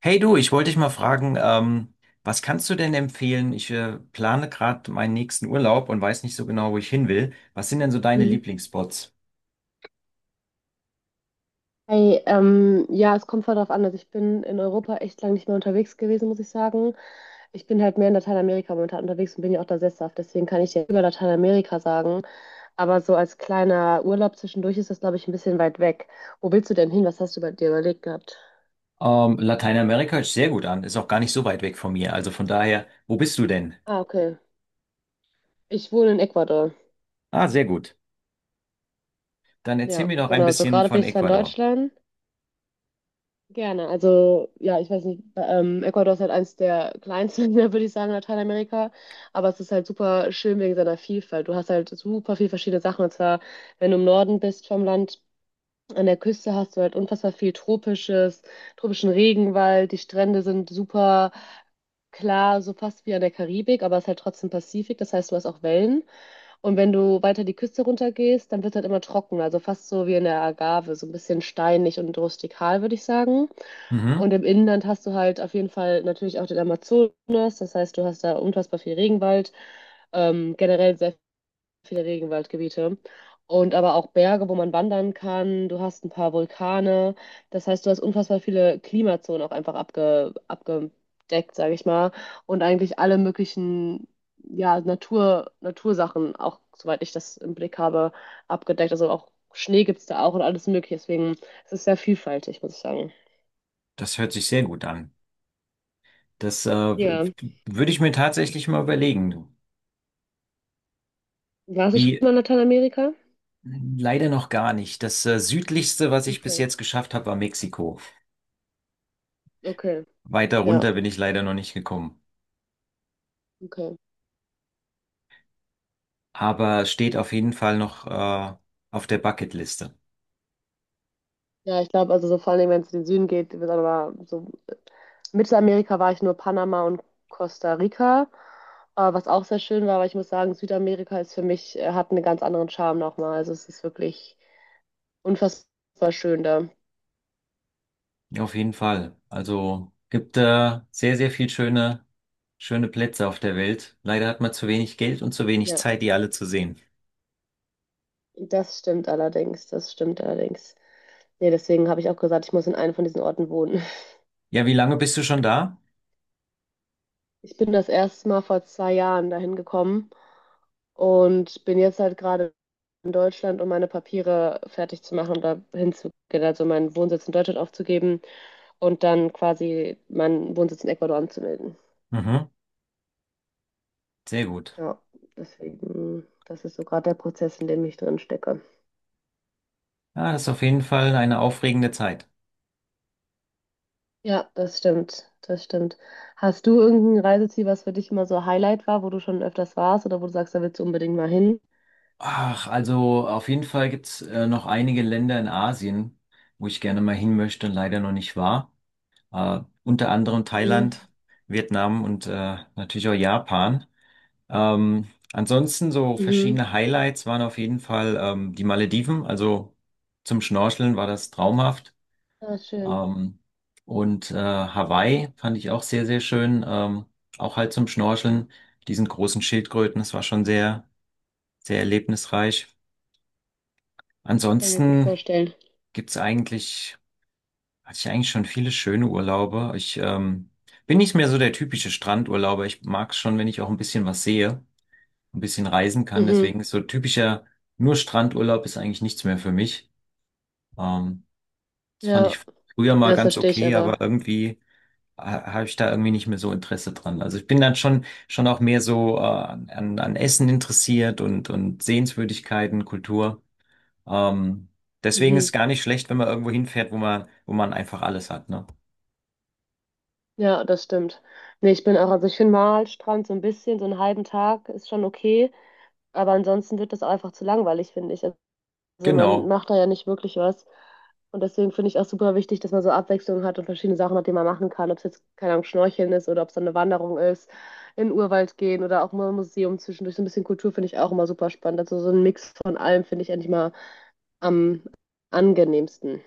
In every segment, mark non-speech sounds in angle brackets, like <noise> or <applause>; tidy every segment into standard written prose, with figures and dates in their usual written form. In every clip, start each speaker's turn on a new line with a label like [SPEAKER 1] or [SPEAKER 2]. [SPEAKER 1] Hey du, ich wollte dich mal fragen, was kannst du denn empfehlen? Ich plane gerade meinen nächsten Urlaub und weiß nicht so genau, wo ich hin will. Was sind denn so deine
[SPEAKER 2] Mhm.
[SPEAKER 1] Lieblingsspots?
[SPEAKER 2] Hey, ja, es kommt voll darauf an. Also ich bin in Europa echt lange nicht mehr unterwegs gewesen, muss ich sagen. Ich bin halt mehr in Lateinamerika momentan unterwegs und bin ja auch da sesshaft. Deswegen kann ich dir über Lateinamerika sagen. Aber so als kleiner Urlaub zwischendurch ist das, glaube ich, ein bisschen weit weg. Wo willst du denn hin? Was hast du bei dir überlegt gehabt?
[SPEAKER 1] Lateinamerika hört sich sehr gut an, ist auch gar nicht so weit weg von mir. Also von daher, wo bist du denn?
[SPEAKER 2] Ah, okay. Ich wohne in Ecuador.
[SPEAKER 1] Ah, sehr gut. Dann erzähl
[SPEAKER 2] Ja,
[SPEAKER 1] mir doch ein
[SPEAKER 2] genau. So
[SPEAKER 1] bisschen
[SPEAKER 2] gerade bin
[SPEAKER 1] von
[SPEAKER 2] ich zwar in
[SPEAKER 1] Ecuador.
[SPEAKER 2] Deutschland. Gerne. Also, ja, ich weiß nicht, Ecuador ist halt eins der kleinsten, <laughs> Länder, würde ich sagen, in Lateinamerika. Aber es ist halt super schön wegen seiner Vielfalt. Du hast halt super viel verschiedene Sachen. Und zwar, wenn du im Norden bist vom Land, an der Küste hast du halt unfassbar viel tropischen Regenwald. Die Strände sind super klar, so fast wie an der Karibik, aber es ist halt trotzdem Pazifik. Das heißt, du hast auch Wellen. Und wenn du weiter die Küste runtergehst, dann wird es halt immer trockener, also fast so wie in der Agave, so ein bisschen steinig und rustikal, würde ich sagen. Und
[SPEAKER 1] Mhm,
[SPEAKER 2] im Inland hast du halt auf jeden Fall natürlich auch den Amazonas, das heißt, du hast da unfassbar viel Regenwald, generell sehr viele Regenwaldgebiete und aber auch Berge, wo man wandern kann. Du hast ein paar Vulkane. Das heißt, du hast unfassbar viele Klimazonen auch einfach abgedeckt, sage ich mal. Und eigentlich alle möglichen ja, Natur, Natursachen, auch soweit ich das im Blick habe, abgedeckt. Also auch Schnee gibt es da auch und alles Mögliche. Deswegen es ist es sehr vielfältig, muss ich sagen.
[SPEAKER 1] das hört sich sehr gut an. Das
[SPEAKER 2] Ja.
[SPEAKER 1] würde ich mir tatsächlich mal überlegen.
[SPEAKER 2] Warst du schon
[SPEAKER 1] Wie,
[SPEAKER 2] mal in Lateinamerika?
[SPEAKER 1] leider noch gar nicht. Das südlichste, was ich bis
[SPEAKER 2] Okay,
[SPEAKER 1] jetzt geschafft habe, war Mexiko.
[SPEAKER 2] okay.
[SPEAKER 1] Weiter
[SPEAKER 2] Ja,
[SPEAKER 1] runter bin ich leider noch nicht gekommen.
[SPEAKER 2] okay.
[SPEAKER 1] Aber steht auf jeden Fall noch auf der Bucketliste.
[SPEAKER 2] Ja, ich glaube, also so vor allem, wenn es in den Süden geht, wird aber so Mittelamerika war ich nur Panama und Costa Rica, was auch sehr schön war, aber ich muss sagen, Südamerika ist für mich, hat einen ganz anderen Charme nochmal. Also es ist wirklich unfassbar schön da.
[SPEAKER 1] Auf jeden Fall. Also gibt sehr, sehr viel schöne, schöne Plätze auf der Welt. Leider hat man zu wenig Geld und zu wenig
[SPEAKER 2] Ja,
[SPEAKER 1] Zeit, die alle zu sehen.
[SPEAKER 2] das stimmt allerdings, das stimmt allerdings. Nee, deswegen habe ich auch gesagt, ich muss in einem von diesen Orten wohnen.
[SPEAKER 1] Ja, wie lange bist du schon da?
[SPEAKER 2] Ich bin das erste Mal vor 2 Jahren dahin gekommen und bin jetzt halt gerade in Deutschland, um meine Papiere fertig zu machen und da hinzugehen, also meinen Wohnsitz in Deutschland aufzugeben und dann quasi meinen Wohnsitz in Ecuador anzumelden.
[SPEAKER 1] Mhm. Sehr gut.
[SPEAKER 2] Ja, deswegen, das ist so gerade der Prozess, in dem ich drin stecke.
[SPEAKER 1] Ja, das ist auf jeden Fall eine aufregende Zeit.
[SPEAKER 2] Ja, das stimmt, das stimmt. Hast du irgendein Reiseziel, was für dich immer so Highlight war, wo du schon öfters warst oder wo du sagst, da willst du unbedingt mal hin?
[SPEAKER 1] Ach, also auf jeden Fall gibt's noch einige Länder in Asien, wo ich gerne mal hin möchte und leider noch nicht war. Unter anderem
[SPEAKER 2] Mhm.
[SPEAKER 1] Thailand, Vietnam und natürlich auch Japan. Ansonsten so
[SPEAKER 2] Mhm.
[SPEAKER 1] verschiedene Highlights waren auf jeden Fall die Malediven, also zum Schnorcheln war das traumhaft.
[SPEAKER 2] Ah, schön.
[SPEAKER 1] Ähm, und Hawaii fand ich auch sehr, sehr schön, auch halt zum Schnorcheln, diesen großen Schildkröten, das war schon sehr, sehr erlebnisreich.
[SPEAKER 2] Kann ich mir gut
[SPEAKER 1] Ansonsten
[SPEAKER 2] vorstellen.
[SPEAKER 1] gibt's eigentlich hatte ich eigentlich schon viele schöne Urlaube. Ich bin nicht mehr so der typische Strandurlauber. Ich mag es schon, wenn ich auch ein bisschen was sehe, ein bisschen reisen kann.
[SPEAKER 2] Mhm.
[SPEAKER 1] Deswegen ist so typischer nur Strandurlaub ist eigentlich nichts mehr für mich. Ähm, Das
[SPEAKER 2] Ja.
[SPEAKER 1] fand ich früher
[SPEAKER 2] Ja,
[SPEAKER 1] mal
[SPEAKER 2] das
[SPEAKER 1] ganz
[SPEAKER 2] verstehe ich
[SPEAKER 1] okay, aber
[SPEAKER 2] aber.
[SPEAKER 1] irgendwie habe ich da irgendwie nicht mehr so Interesse dran. Also ich bin dann schon auch mehr so an Essen interessiert und Sehenswürdigkeiten, Kultur. Ähm, deswegen ist es
[SPEAKER 2] Mhm.
[SPEAKER 1] gar nicht schlecht, wenn man irgendwo hinfährt, wo man einfach alles hat, ne?
[SPEAKER 2] Ja, das stimmt. Nee, ich bin auch, also ich finde Malstrand so ein bisschen, so einen halben Tag ist schon okay, aber ansonsten wird das einfach zu langweilig, finde ich. Also man
[SPEAKER 1] Genau.
[SPEAKER 2] macht da ja nicht wirklich was. Und deswegen finde ich auch super wichtig, dass man so Abwechslung hat und verschiedene Sachen hat, die man machen kann. Ob es jetzt, keine Ahnung, Schnorcheln ist oder ob es dann eine Wanderung ist, in den Urwald gehen oder auch mal ein Museum zwischendurch. So ein bisschen Kultur finde ich auch immer super spannend. Also so ein Mix von allem finde ich eigentlich mal am angenehmsten.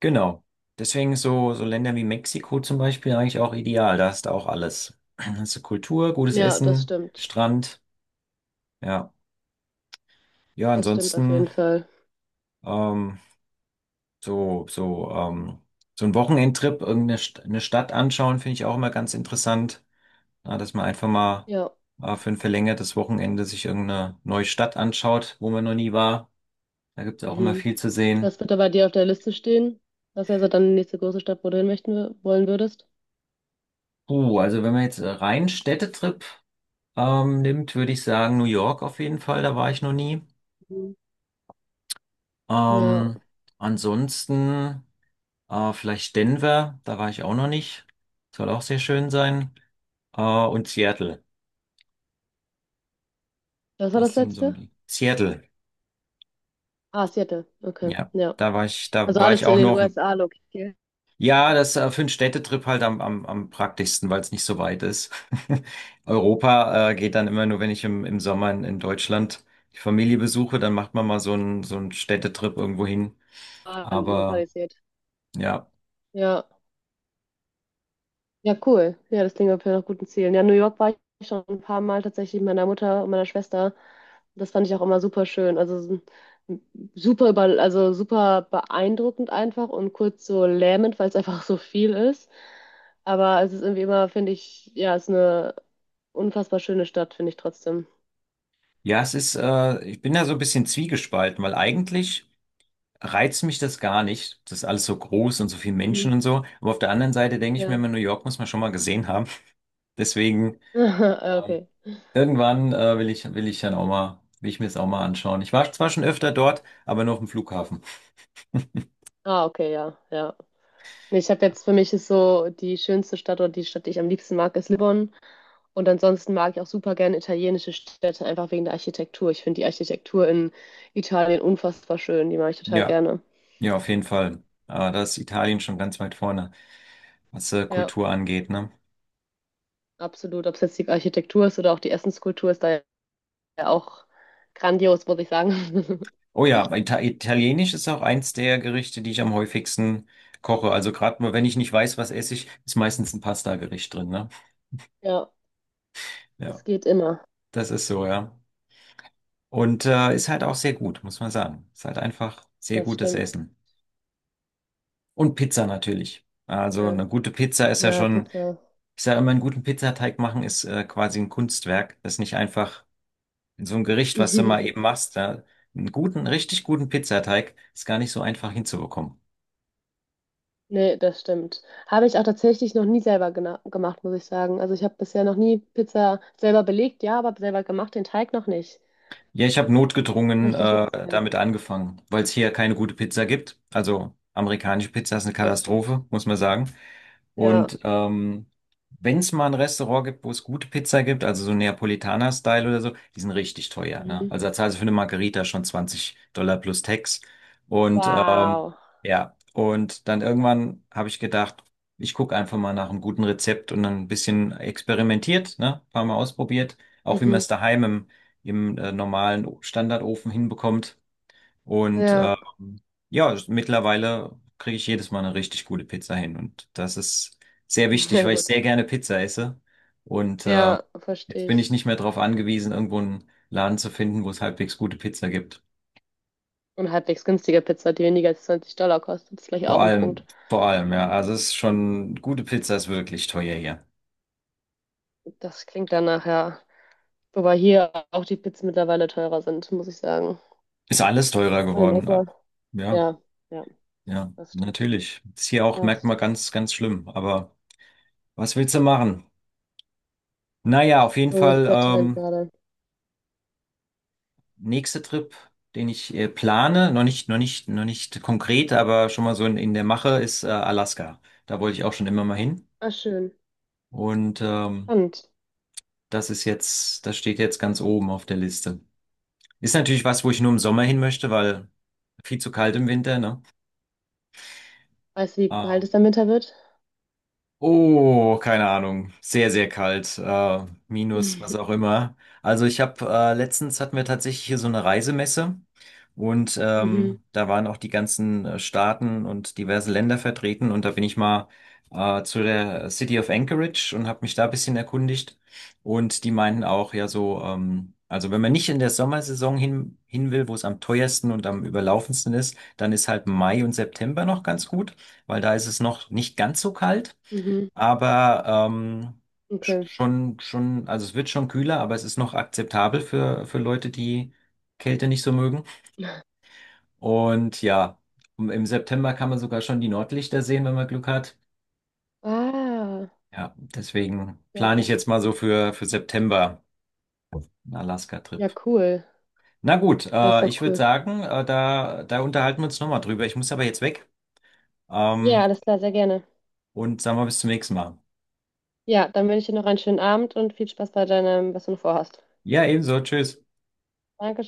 [SPEAKER 1] Genau. Deswegen so Länder wie Mexiko zum Beispiel eigentlich auch ideal. Da hast du auch alles. <clears throat> Hast du Kultur, gutes
[SPEAKER 2] Ja, das
[SPEAKER 1] Essen,
[SPEAKER 2] stimmt.
[SPEAKER 1] Strand. Ja. Ja,
[SPEAKER 2] Das stimmt auf
[SPEAKER 1] ansonsten
[SPEAKER 2] jeden Fall.
[SPEAKER 1] ähm, so, so, ähm, so ein Wochenendtrip, irgendeine St eine Stadt anschauen, finde ich auch immer ganz interessant. Ja, dass man einfach mal
[SPEAKER 2] Ja.
[SPEAKER 1] für ein verlängertes Wochenende sich irgendeine neue Stadt anschaut, wo man noch nie war. Da gibt es auch immer
[SPEAKER 2] Mhm.
[SPEAKER 1] viel zu sehen.
[SPEAKER 2] Was wird da bei dir auf der Liste stehen? Was wäre so dann die nächste große Stadt, wo du hin möchten, wollen würdest?
[SPEAKER 1] Also wenn man jetzt rein Städtetrip nimmt, würde ich sagen, New York auf jeden Fall, da war ich noch nie.
[SPEAKER 2] Mhm. Ja.
[SPEAKER 1] Ähm, Ansonsten vielleicht Denver, da war ich auch noch nicht. Soll auch sehr schön sein. Und Seattle,
[SPEAKER 2] Was war
[SPEAKER 1] das
[SPEAKER 2] das
[SPEAKER 1] sind so
[SPEAKER 2] letzte?
[SPEAKER 1] die. Seattle,
[SPEAKER 2] Ah, Seattle. Okay.
[SPEAKER 1] ja,
[SPEAKER 2] Ja.
[SPEAKER 1] da
[SPEAKER 2] Also
[SPEAKER 1] war ich
[SPEAKER 2] alles in
[SPEAKER 1] auch nur
[SPEAKER 2] den
[SPEAKER 1] auf dem.
[SPEAKER 2] USA
[SPEAKER 1] Ja, das für einen Städtetrip halt am praktischsten, weil es nicht so weit ist. <laughs> Europa geht dann immer nur, wenn ich im Sommer in Deutschland die Familie besuche, dann macht man mal so einen Städtetrip irgendwo hin. Aber
[SPEAKER 2] lokalisiert.
[SPEAKER 1] ja,
[SPEAKER 2] Ja. Ja, cool. Ja, das klingt auf jeden Fall nach guten Zielen. Ja, New York war ich schon ein paar Mal tatsächlich mit meiner Mutter und meiner Schwester. Das fand ich auch immer super schön. Also es super über, also super beeindruckend einfach und kurz so lähmend, weil es einfach so viel ist. Aber es ist irgendwie immer, finde ich, ja, es ist eine unfassbar schöne Stadt, finde ich trotzdem.
[SPEAKER 1] ja, ich bin da so ein bisschen zwiegespalten, weil eigentlich reizt mich das gar nicht. Das ist alles so groß und so viele
[SPEAKER 2] Mhm.
[SPEAKER 1] Menschen und so. Aber auf der anderen Seite denke ich mir
[SPEAKER 2] Ja.
[SPEAKER 1] immer, New York muss man schon mal gesehen haben. <laughs> Deswegen, ähm,
[SPEAKER 2] <laughs> Okay.
[SPEAKER 1] irgendwann, will ich dann auch mal, will ich mir das auch mal anschauen. Ich war zwar schon öfter dort, aber nur auf dem Flughafen. <laughs>
[SPEAKER 2] Ah, okay, ja, ja. Ich habe jetzt für mich ist so die schönste Stadt oder die Stadt, die ich am liebsten mag, ist Lissabon. Und ansonsten mag ich auch super gerne italienische Städte, einfach wegen der Architektur. Ich finde die Architektur in Italien unfassbar schön. Die mag ich total
[SPEAKER 1] Ja,
[SPEAKER 2] gerne.
[SPEAKER 1] ja, auf jeden Fall. Da ist Italien schon ganz weit vorne, was,
[SPEAKER 2] Ja,
[SPEAKER 1] Kultur angeht, ne?
[SPEAKER 2] absolut. Ob es jetzt die Architektur ist oder auch die Essenskultur, ist da ja auch grandios, muss ich sagen. <laughs>
[SPEAKER 1] Oh ja, aber Italienisch ist auch eins der Gerichte, die ich am häufigsten koche. Also gerade mal, wenn ich nicht weiß, was esse ich, ist meistens ein Pasta-Gericht drin, ne?
[SPEAKER 2] Ja,
[SPEAKER 1] Ja,
[SPEAKER 2] das geht immer.
[SPEAKER 1] das ist so, ja. Und ist halt auch sehr gut, muss man sagen. Ist halt einfach sehr
[SPEAKER 2] Das
[SPEAKER 1] gutes
[SPEAKER 2] stimmt.
[SPEAKER 1] Essen. Und Pizza natürlich. Also
[SPEAKER 2] Ja,
[SPEAKER 1] eine gute Pizza ist ja
[SPEAKER 2] ja
[SPEAKER 1] schon,
[SPEAKER 2] Pizza.
[SPEAKER 1] ich sage immer, einen guten Pizzateig machen ist quasi ein Kunstwerk. Das ist nicht einfach in so einem Gericht, was du mal eben
[SPEAKER 2] <laughs>
[SPEAKER 1] machst. Da, einen guten, richtig guten Pizzateig ist gar nicht so einfach hinzubekommen.
[SPEAKER 2] Nee, das stimmt. Habe ich auch tatsächlich noch nie selber gemacht, muss ich sagen. Also ich habe bisher noch nie Pizza selber belegt, ja, aber selber gemacht, den Teig noch nicht.
[SPEAKER 1] Ja, ich habe
[SPEAKER 2] Muss
[SPEAKER 1] notgedrungen
[SPEAKER 2] ich gleich mal ausprobieren.
[SPEAKER 1] damit angefangen, weil es hier keine gute Pizza gibt. Also amerikanische Pizza ist eine
[SPEAKER 2] Das stimmt.
[SPEAKER 1] Katastrophe, muss man sagen.
[SPEAKER 2] Ja.
[SPEAKER 1] Und wenn es mal ein Restaurant gibt, wo es gute Pizza gibt, also so Neapolitaner-Style oder so, die sind richtig teuer. Ne?
[SPEAKER 2] Mhm.
[SPEAKER 1] Also da zahlst du für eine Margarita schon $20 plus Tax. Und
[SPEAKER 2] Wow.
[SPEAKER 1] ja, und dann irgendwann habe ich gedacht, ich gucke einfach mal nach einem guten Rezept und dann ein bisschen experimentiert, ne? Ein paar Mal ausprobiert, auch wie man
[SPEAKER 2] Mhm.
[SPEAKER 1] es daheim im normalen Standardofen hinbekommt. Und Mhm.
[SPEAKER 2] Ja,
[SPEAKER 1] ähm, ja, mittlerweile kriege ich jedes Mal eine richtig gute Pizza hin. Und das ist sehr
[SPEAKER 2] <laughs>
[SPEAKER 1] wichtig,
[SPEAKER 2] sehr
[SPEAKER 1] weil ich
[SPEAKER 2] gut.
[SPEAKER 1] sehr gerne Pizza esse. Und
[SPEAKER 2] Ja,
[SPEAKER 1] jetzt
[SPEAKER 2] verstehe
[SPEAKER 1] bin ich
[SPEAKER 2] ich.
[SPEAKER 1] nicht mehr darauf angewiesen, irgendwo einen Laden zu finden, wo es halbwegs gute Pizza gibt.
[SPEAKER 2] Und halbwegs günstige Pizza, die weniger als 20 Dollar kostet, ist vielleicht auch ein Punkt.
[SPEAKER 1] Vor allem, ja. Also es ist schon, gute Pizza ist wirklich teuer hier.
[SPEAKER 2] Das klingt danach, ja. Wobei hier auch die Pizzen mittlerweile teurer sind, muss ich sagen.
[SPEAKER 1] Ist alles teurer
[SPEAKER 2] Und in
[SPEAKER 1] geworden.
[SPEAKER 2] Ecuador.
[SPEAKER 1] Ja,
[SPEAKER 2] Ja, ja,
[SPEAKER 1] ja,
[SPEAKER 2] das stimmt.
[SPEAKER 1] natürlich. Ist hier auch,
[SPEAKER 2] Das
[SPEAKER 1] merkt man
[SPEAKER 2] stimmt.
[SPEAKER 1] ganz, ganz schlimm. Aber was willst du machen? Naja, auf jeden
[SPEAKER 2] So ist
[SPEAKER 1] Fall,
[SPEAKER 2] der Trend gerade.
[SPEAKER 1] nächster Trip, den ich plane, noch nicht, noch nicht, noch nicht konkret, aber schon mal so in der Mache, ist Alaska. Da wollte ich auch schon immer mal hin.
[SPEAKER 2] Ah, schön.
[SPEAKER 1] Und
[SPEAKER 2] Spannend.
[SPEAKER 1] das steht jetzt ganz oben auf der Liste. Ist natürlich was, wo ich nur im Sommer hin möchte, weil viel zu kalt im Winter, ne?
[SPEAKER 2] Weißt du, wie kalt es
[SPEAKER 1] Ähm,
[SPEAKER 2] dann Winter wird?
[SPEAKER 1] Oh, keine Ahnung. Sehr, sehr kalt. Minus, was auch
[SPEAKER 2] <laughs>
[SPEAKER 1] immer. Also ich habe letztens hatten wir tatsächlich hier so eine Reisemesse und
[SPEAKER 2] Mhm. Mhm.
[SPEAKER 1] da waren auch die ganzen Staaten und diverse Länder vertreten und da bin ich mal zu der City of Anchorage und habe mich da ein bisschen erkundigt und die meinten auch, ja so, also wenn man nicht in der Sommersaison hin will, wo es am teuersten und am überlaufendsten ist, dann ist halt Mai und September noch ganz gut, weil da ist es noch nicht ganz so kalt,
[SPEAKER 2] Mhm.
[SPEAKER 1] aber
[SPEAKER 2] Okay.
[SPEAKER 1] schon, schon, also es wird schon kühler, aber es ist noch akzeptabel für Leute, die Kälte nicht so mögen. Und ja, im September kann man sogar schon die Nordlichter sehen, wenn man Glück hat.
[SPEAKER 2] Ah,
[SPEAKER 1] Ja, deswegen
[SPEAKER 2] das ist
[SPEAKER 1] plane ich
[SPEAKER 2] auch
[SPEAKER 1] jetzt mal so
[SPEAKER 2] cool.
[SPEAKER 1] für September einen
[SPEAKER 2] Ja,
[SPEAKER 1] Alaska-Trip.
[SPEAKER 2] cool.
[SPEAKER 1] Na gut,
[SPEAKER 2] Das ist auch
[SPEAKER 1] ich würde
[SPEAKER 2] cool.
[SPEAKER 1] sagen, da unterhalten wir uns nochmal drüber. Ich muss aber jetzt weg.
[SPEAKER 2] Ja,
[SPEAKER 1] Ähm,
[SPEAKER 2] alles klar, sehr gerne.
[SPEAKER 1] und sagen wir bis zum nächsten Mal.
[SPEAKER 2] Ja, dann wünsche ich dir noch einen schönen Abend und viel Spaß bei deinem, was du noch vorhast.
[SPEAKER 1] Ja, ebenso. Tschüss.
[SPEAKER 2] Danke.